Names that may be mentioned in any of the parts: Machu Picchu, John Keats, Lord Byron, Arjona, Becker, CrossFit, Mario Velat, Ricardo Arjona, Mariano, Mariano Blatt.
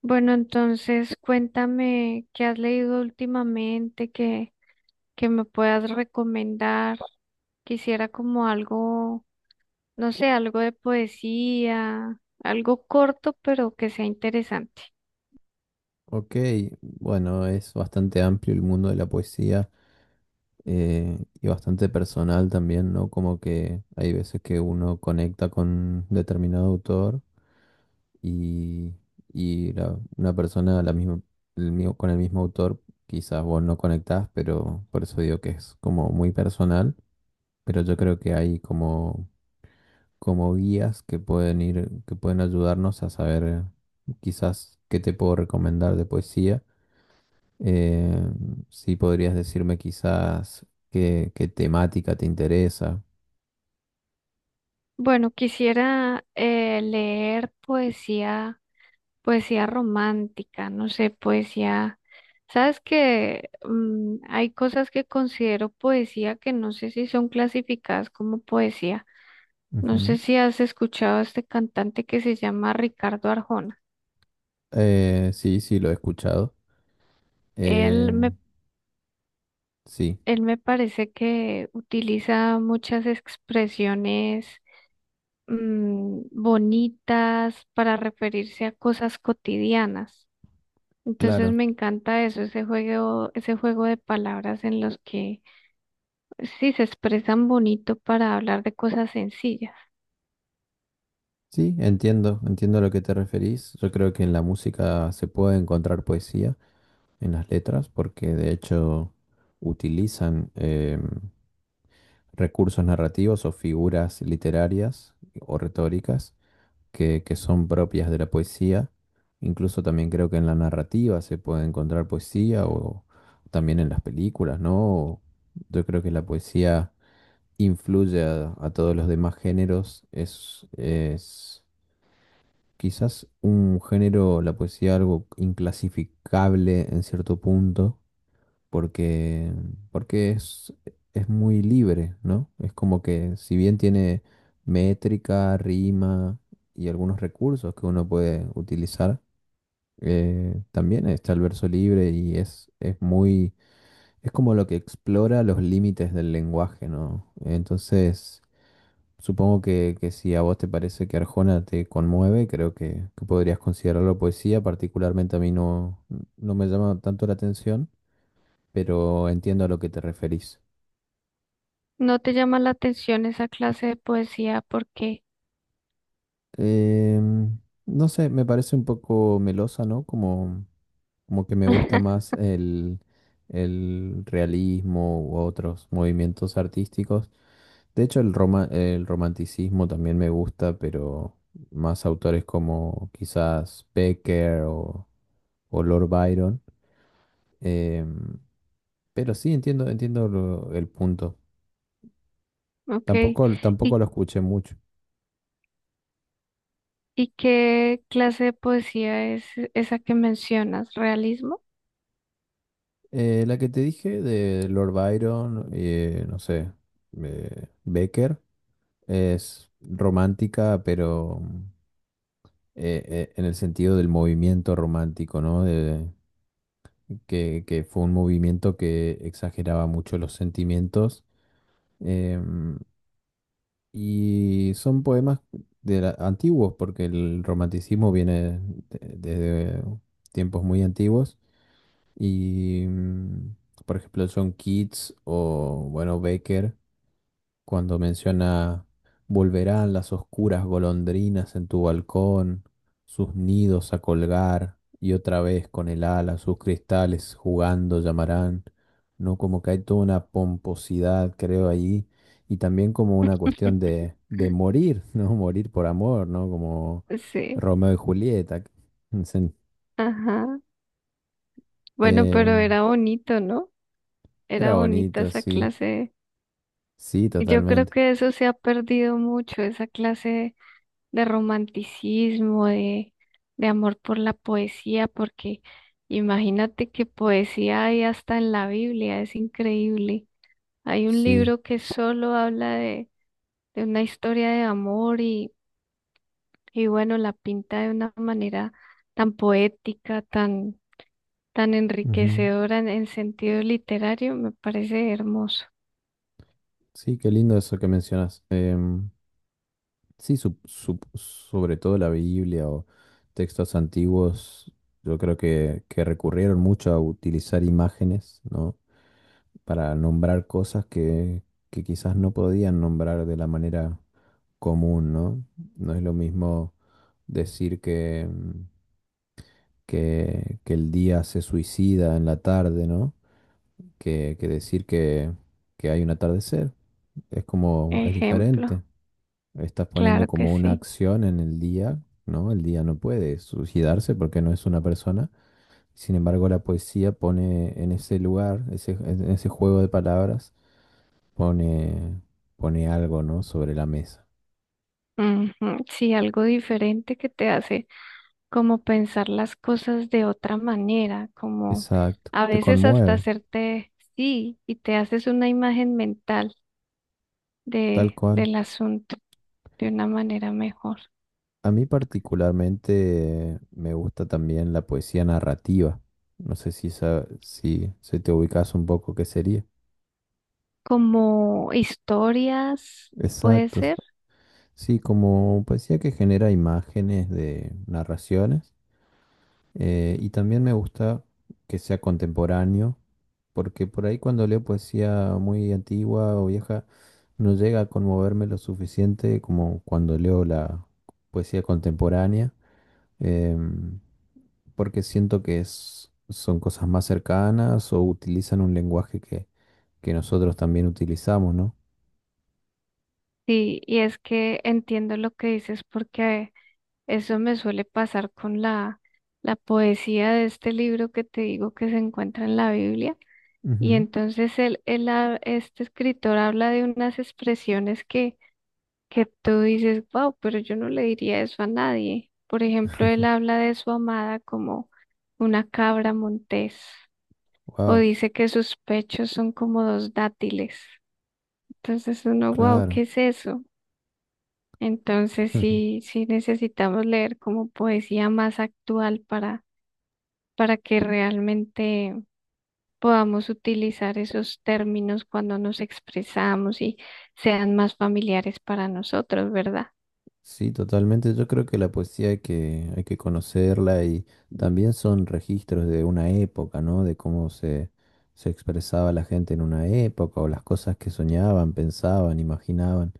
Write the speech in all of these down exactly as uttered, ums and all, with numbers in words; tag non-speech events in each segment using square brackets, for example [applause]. Bueno, entonces cuéntame qué has leído últimamente, que, que me puedas recomendar. Quisiera como algo, no sé, algo de poesía, algo corto, pero que sea interesante. Ok, bueno, es bastante amplio el mundo de la poesía eh, y bastante personal también, ¿no? Como que hay veces que uno conecta con determinado autor y, y la- una persona la misma, el mismo- con el mismo autor quizás vos no conectás, pero por eso digo que es como muy personal, pero yo creo que hay como, como guías que pueden ir, que pueden ayudarnos a saber eh, quizás qué te puedo recomendar de poesía. Eh, sí, podrías decirme quizás qué, qué temática te interesa. Bueno, quisiera eh, leer poesía, poesía romántica, no sé, poesía. Sabes que mm, hay cosas que considero poesía que no sé si son clasificadas como poesía. No sé Ujú. si has escuchado a este cantante que se llama Ricardo Arjona. Eh, sí, sí, lo he escuchado. Él Em, me, sí, él me parece que utiliza muchas expresiones mm, bonitas para referirse a cosas cotidianas. Entonces claro. me encanta eso, ese juego, ese juego de palabras en los que pues sí se expresan bonito para hablar de cosas sencillas. Sí, entiendo, entiendo a lo que te referís. Yo creo que en la música se puede encontrar poesía en las letras, porque de hecho utilizan em, recursos narrativos o figuras literarias o retóricas que, que son propias de la poesía. Incluso también creo que en la narrativa se puede encontrar poesía o también en las películas, ¿no? Yo creo que la poesía influye a, a todos los demás géneros. Es, es quizás un género, la poesía, algo inclasificable en cierto punto, porque, porque es, es muy libre, ¿no? Es como que, si bien tiene métrica, rima y algunos recursos que uno puede utilizar, eh, también está el verso libre y es, es muy, es como lo que explora los límites del lenguaje, ¿no? Entonces, supongo que, que si a vos te parece que Arjona te conmueve, creo que, que podrías considerarlo poesía. Particularmente a mí no, no me llama tanto la atención, pero entiendo a lo que te referís. ¿No te llama la atención esa clase de poesía? ¿Por qué? Em, no sé, me parece un poco melosa, ¿no? Como, como que me gusta [laughs] más el, el realismo u otros movimientos artísticos. De hecho, el roma- el romanticismo también me gusta, pero más autores como quizás Becker o, o Lord Byron. Em, pero sí, entiendo, entiendo lo- el punto. Ok. Tampoco, tampoco ¿Y lo escuché mucho. ¿Y qué clase de poesía es esa que mencionas? ¿Realismo? Eh, la que te dije de Lord Byron, eh, no sé, eh, Becker, es romántica, pero eh, eh, en el sentido del movimiento romántico, ¿no? De- que, que fue un movimiento que exageraba mucho los sentimientos. em, y son poemas de la- antiguos, porque el romanticismo viene de- desde tiempos muy antiguos. Y, mm, por ejemplo, John Keats o, bueno, Becker, cuando menciona, volverán las oscuras golondrinas en tu balcón, sus nidos a colgar, y otra vez con el ala sus cristales jugando llamarán, ¿no? Como que hay toda una pomposidad, creo, ahí, y también como una cuestión de, de morir, [laughs] ¿no? Morir por amor, ¿no? Como Sí, Romeo y Julieta. [laughs] Sen- ajá. Bueno, eh, pero era bonito, ¿no? Era Era bonita bonito, esa sí. clase. Sí, Y yo creo totalmente. que eso se ha perdido mucho, esa clase de romanticismo, de, de amor por la poesía, porque imagínate que poesía hay hasta en la Biblia, es increíble. Hay un Sí. libro que solo habla de, de una historia de amor. Y bueno, la pinta de una manera tan poética, tan, tan Ujú. enriquecedora en, en sentido literario, me parece hermoso. Sí, qué lindo eso que mencionas. Em, sí, sup- sup- sobre todo la Biblia o textos antiguos, yo creo que, que recurrieron mucho a utilizar imágenes, ¿no? Para nombrar cosas que, que quizás no podían nombrar de la manera común, ¿no? No es lo mismo decir que, mm, que, que el día se suicida en la tarde, ¿no? Que, que decir que, que hay un atardecer. Es como, es Ejemplo, diferente. Estás poniendo claro que como una sí. acción en el día, ¿no? El día no puede suicidarse porque no es una persona. Sin embargo, la poesía pone en ese lugar, ese, en ese juego de palabras, pone, pone algo, ¿no? Sobre la mesa. Ujú, sí, algo diferente que te hace como pensar las cosas de otra manera, como Exacto. a Te veces hasta conmueve, hacerte sí y te haces una imagen mental tal de, cual. del asunto de una manera mejor. A mí particularmente me gusta también la poesía narrativa. No sé si, sa- si se te ubicas un poco qué sería. Como historias, puede Exacto. s- ser. Sí, como poesía que genera imágenes de narraciones. Eh, y también me gusta que sea contemporáneo, porque por ahí cuando leo poesía muy antigua o vieja, no llega a conmoverme lo suficiente como cuando leo la poesía contemporánea. em, Porque siento que es- son cosas más cercanas o utilizan un lenguaje que, que nosotros también utilizamos, ¿no? Sí, y es que entiendo lo que dices porque eso me suele pasar con la, la poesía de este libro que te digo que se encuentra en la Biblia. Y entonces él, él ha- este escritor habla de unas expresiones que, que tú dices, wow, pero yo no le diría eso a nadie. Por ejemplo, él habla de su amada como una cabra montés o Wow, dice que sus pechos son como dos dátiles. Entonces uno, wow, ¿qué claro. es eso? Entonces [laughs] sí, sí necesitamos leer como poesía más actual para, para que realmente podamos utilizar esos términos cuando nos expresamos y sean más familiares para nosotros, ¿verdad? Sí, totalmente. Yo creo que la poesía hay que, hay que conocerla, y también son registros de una época, ¿no? De cómo se, se expresaba la gente en una época o las cosas que soñaban, pensaban, imaginaban.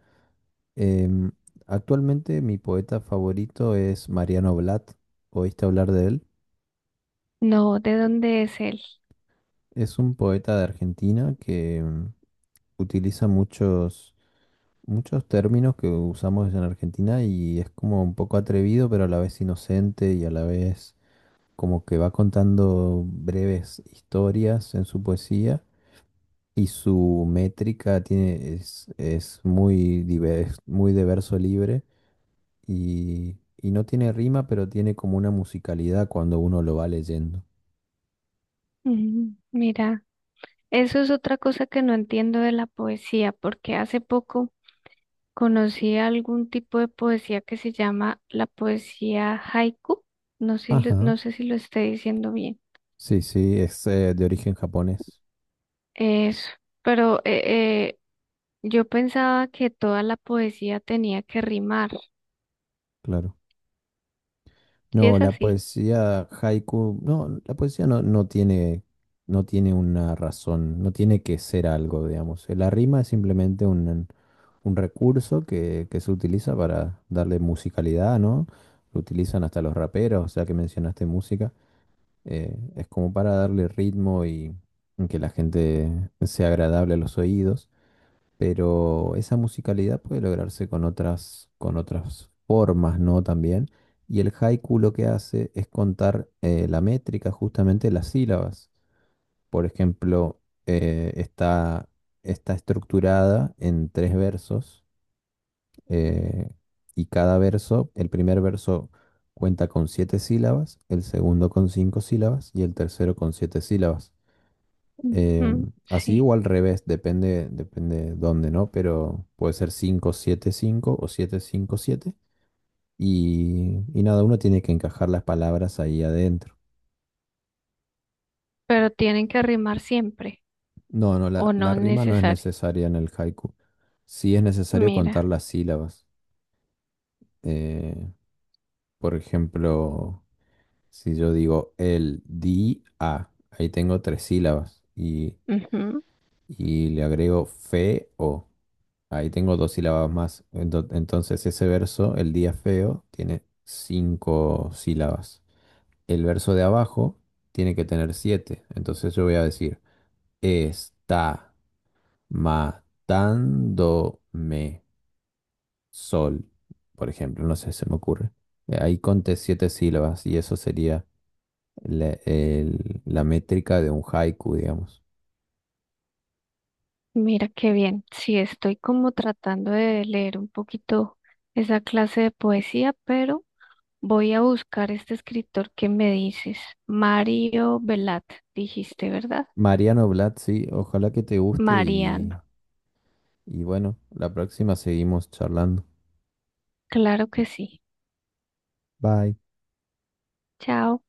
Em, Actualmente mi poeta favorito es Mariano Blatt. ¿Oíste hablar de él? No, ¿de dónde es él? Es un poeta de Argentina que mm, utiliza muchos, muchos términos que usamos en Argentina, y es como un poco atrevido, pero a la vez inocente y a la vez como que va contando breves historias en su poesía, y su métrica tiene, es, es muy diverso, muy de verso libre y, y no tiene rima, pero tiene como una musicalidad cuando uno lo va leyendo. Mm, mira, eso es otra cosa que no entiendo de la poesía, porque hace poco conocí algún tipo de poesía que se llama la poesía haiku. No sé, si lo- Ajá. no sé si lo estoy diciendo bien. Sí, sí, es eh, de origen japonés, Eso, pero eh, eh, yo pensaba que toda la poesía tenía que rimar. claro. ¿Sí No, es la así? poesía haiku, no, la poesía no, no tiene, no tiene una razón, no tiene que ser algo, digamos. La rima es simplemente un, un recurso que, que se utiliza para darle musicalidad, ¿no? Lo utilizan hasta los raperos, o sea, que mencionaste música. Eh, es como para darle ritmo y que la gente sea agradable a los oídos, pero esa musicalidad puede lograrse con otras, con otras formas, ¿no? También. Y el haiku lo que hace es contar eh, la métrica, justamente las sílabas. Por ejemplo, eh, está, está estructurada en tres versos, eh, y cada verso, el primer verso cuenta con siete sílabas, el segundo con cinco sílabas y el tercero con siete sílabas. Eh, Ujú, así sí, o al revés, depende, depende dónde, ¿no? Pero puede ser cinco siete cinco o siete cinco siete. Y, y nada, uno tiene que encajar las palabras ahí adentro. pero ¿tienen que rimar siempre, No, no, la, o no la es rima no es necesario? necesaria en el haiku. Sí es necesario contar Mira, las sílabas. Eh, por ejemplo, si yo digo el di a, ahí tengo tres sílabas. Y, ujú, y le agrego fe o. Ahí tengo dos sílabas más. Ento- Entonces ese verso, el día feo, tiene cinco sílabas. El verso de abajo tiene que tener siete. Entonces yo voy a decir, está matándome sol, por ejemplo. No sé, se me ocurre. Eh, Ahí conté siete sílabas, y eso sería la, el- la métrica de un haiku, digamos. mira qué bien. Sí, estoy como tratando de leer un poquito esa clase de poesía, pero voy a buscar este escritor que me dices, Mario Velat, dijiste, ¿verdad? Mariano Blatt, sí, ojalá que te guste Mariano, y, y bueno, la próxima seguimos charlando. claro que sí. Bye. Chao.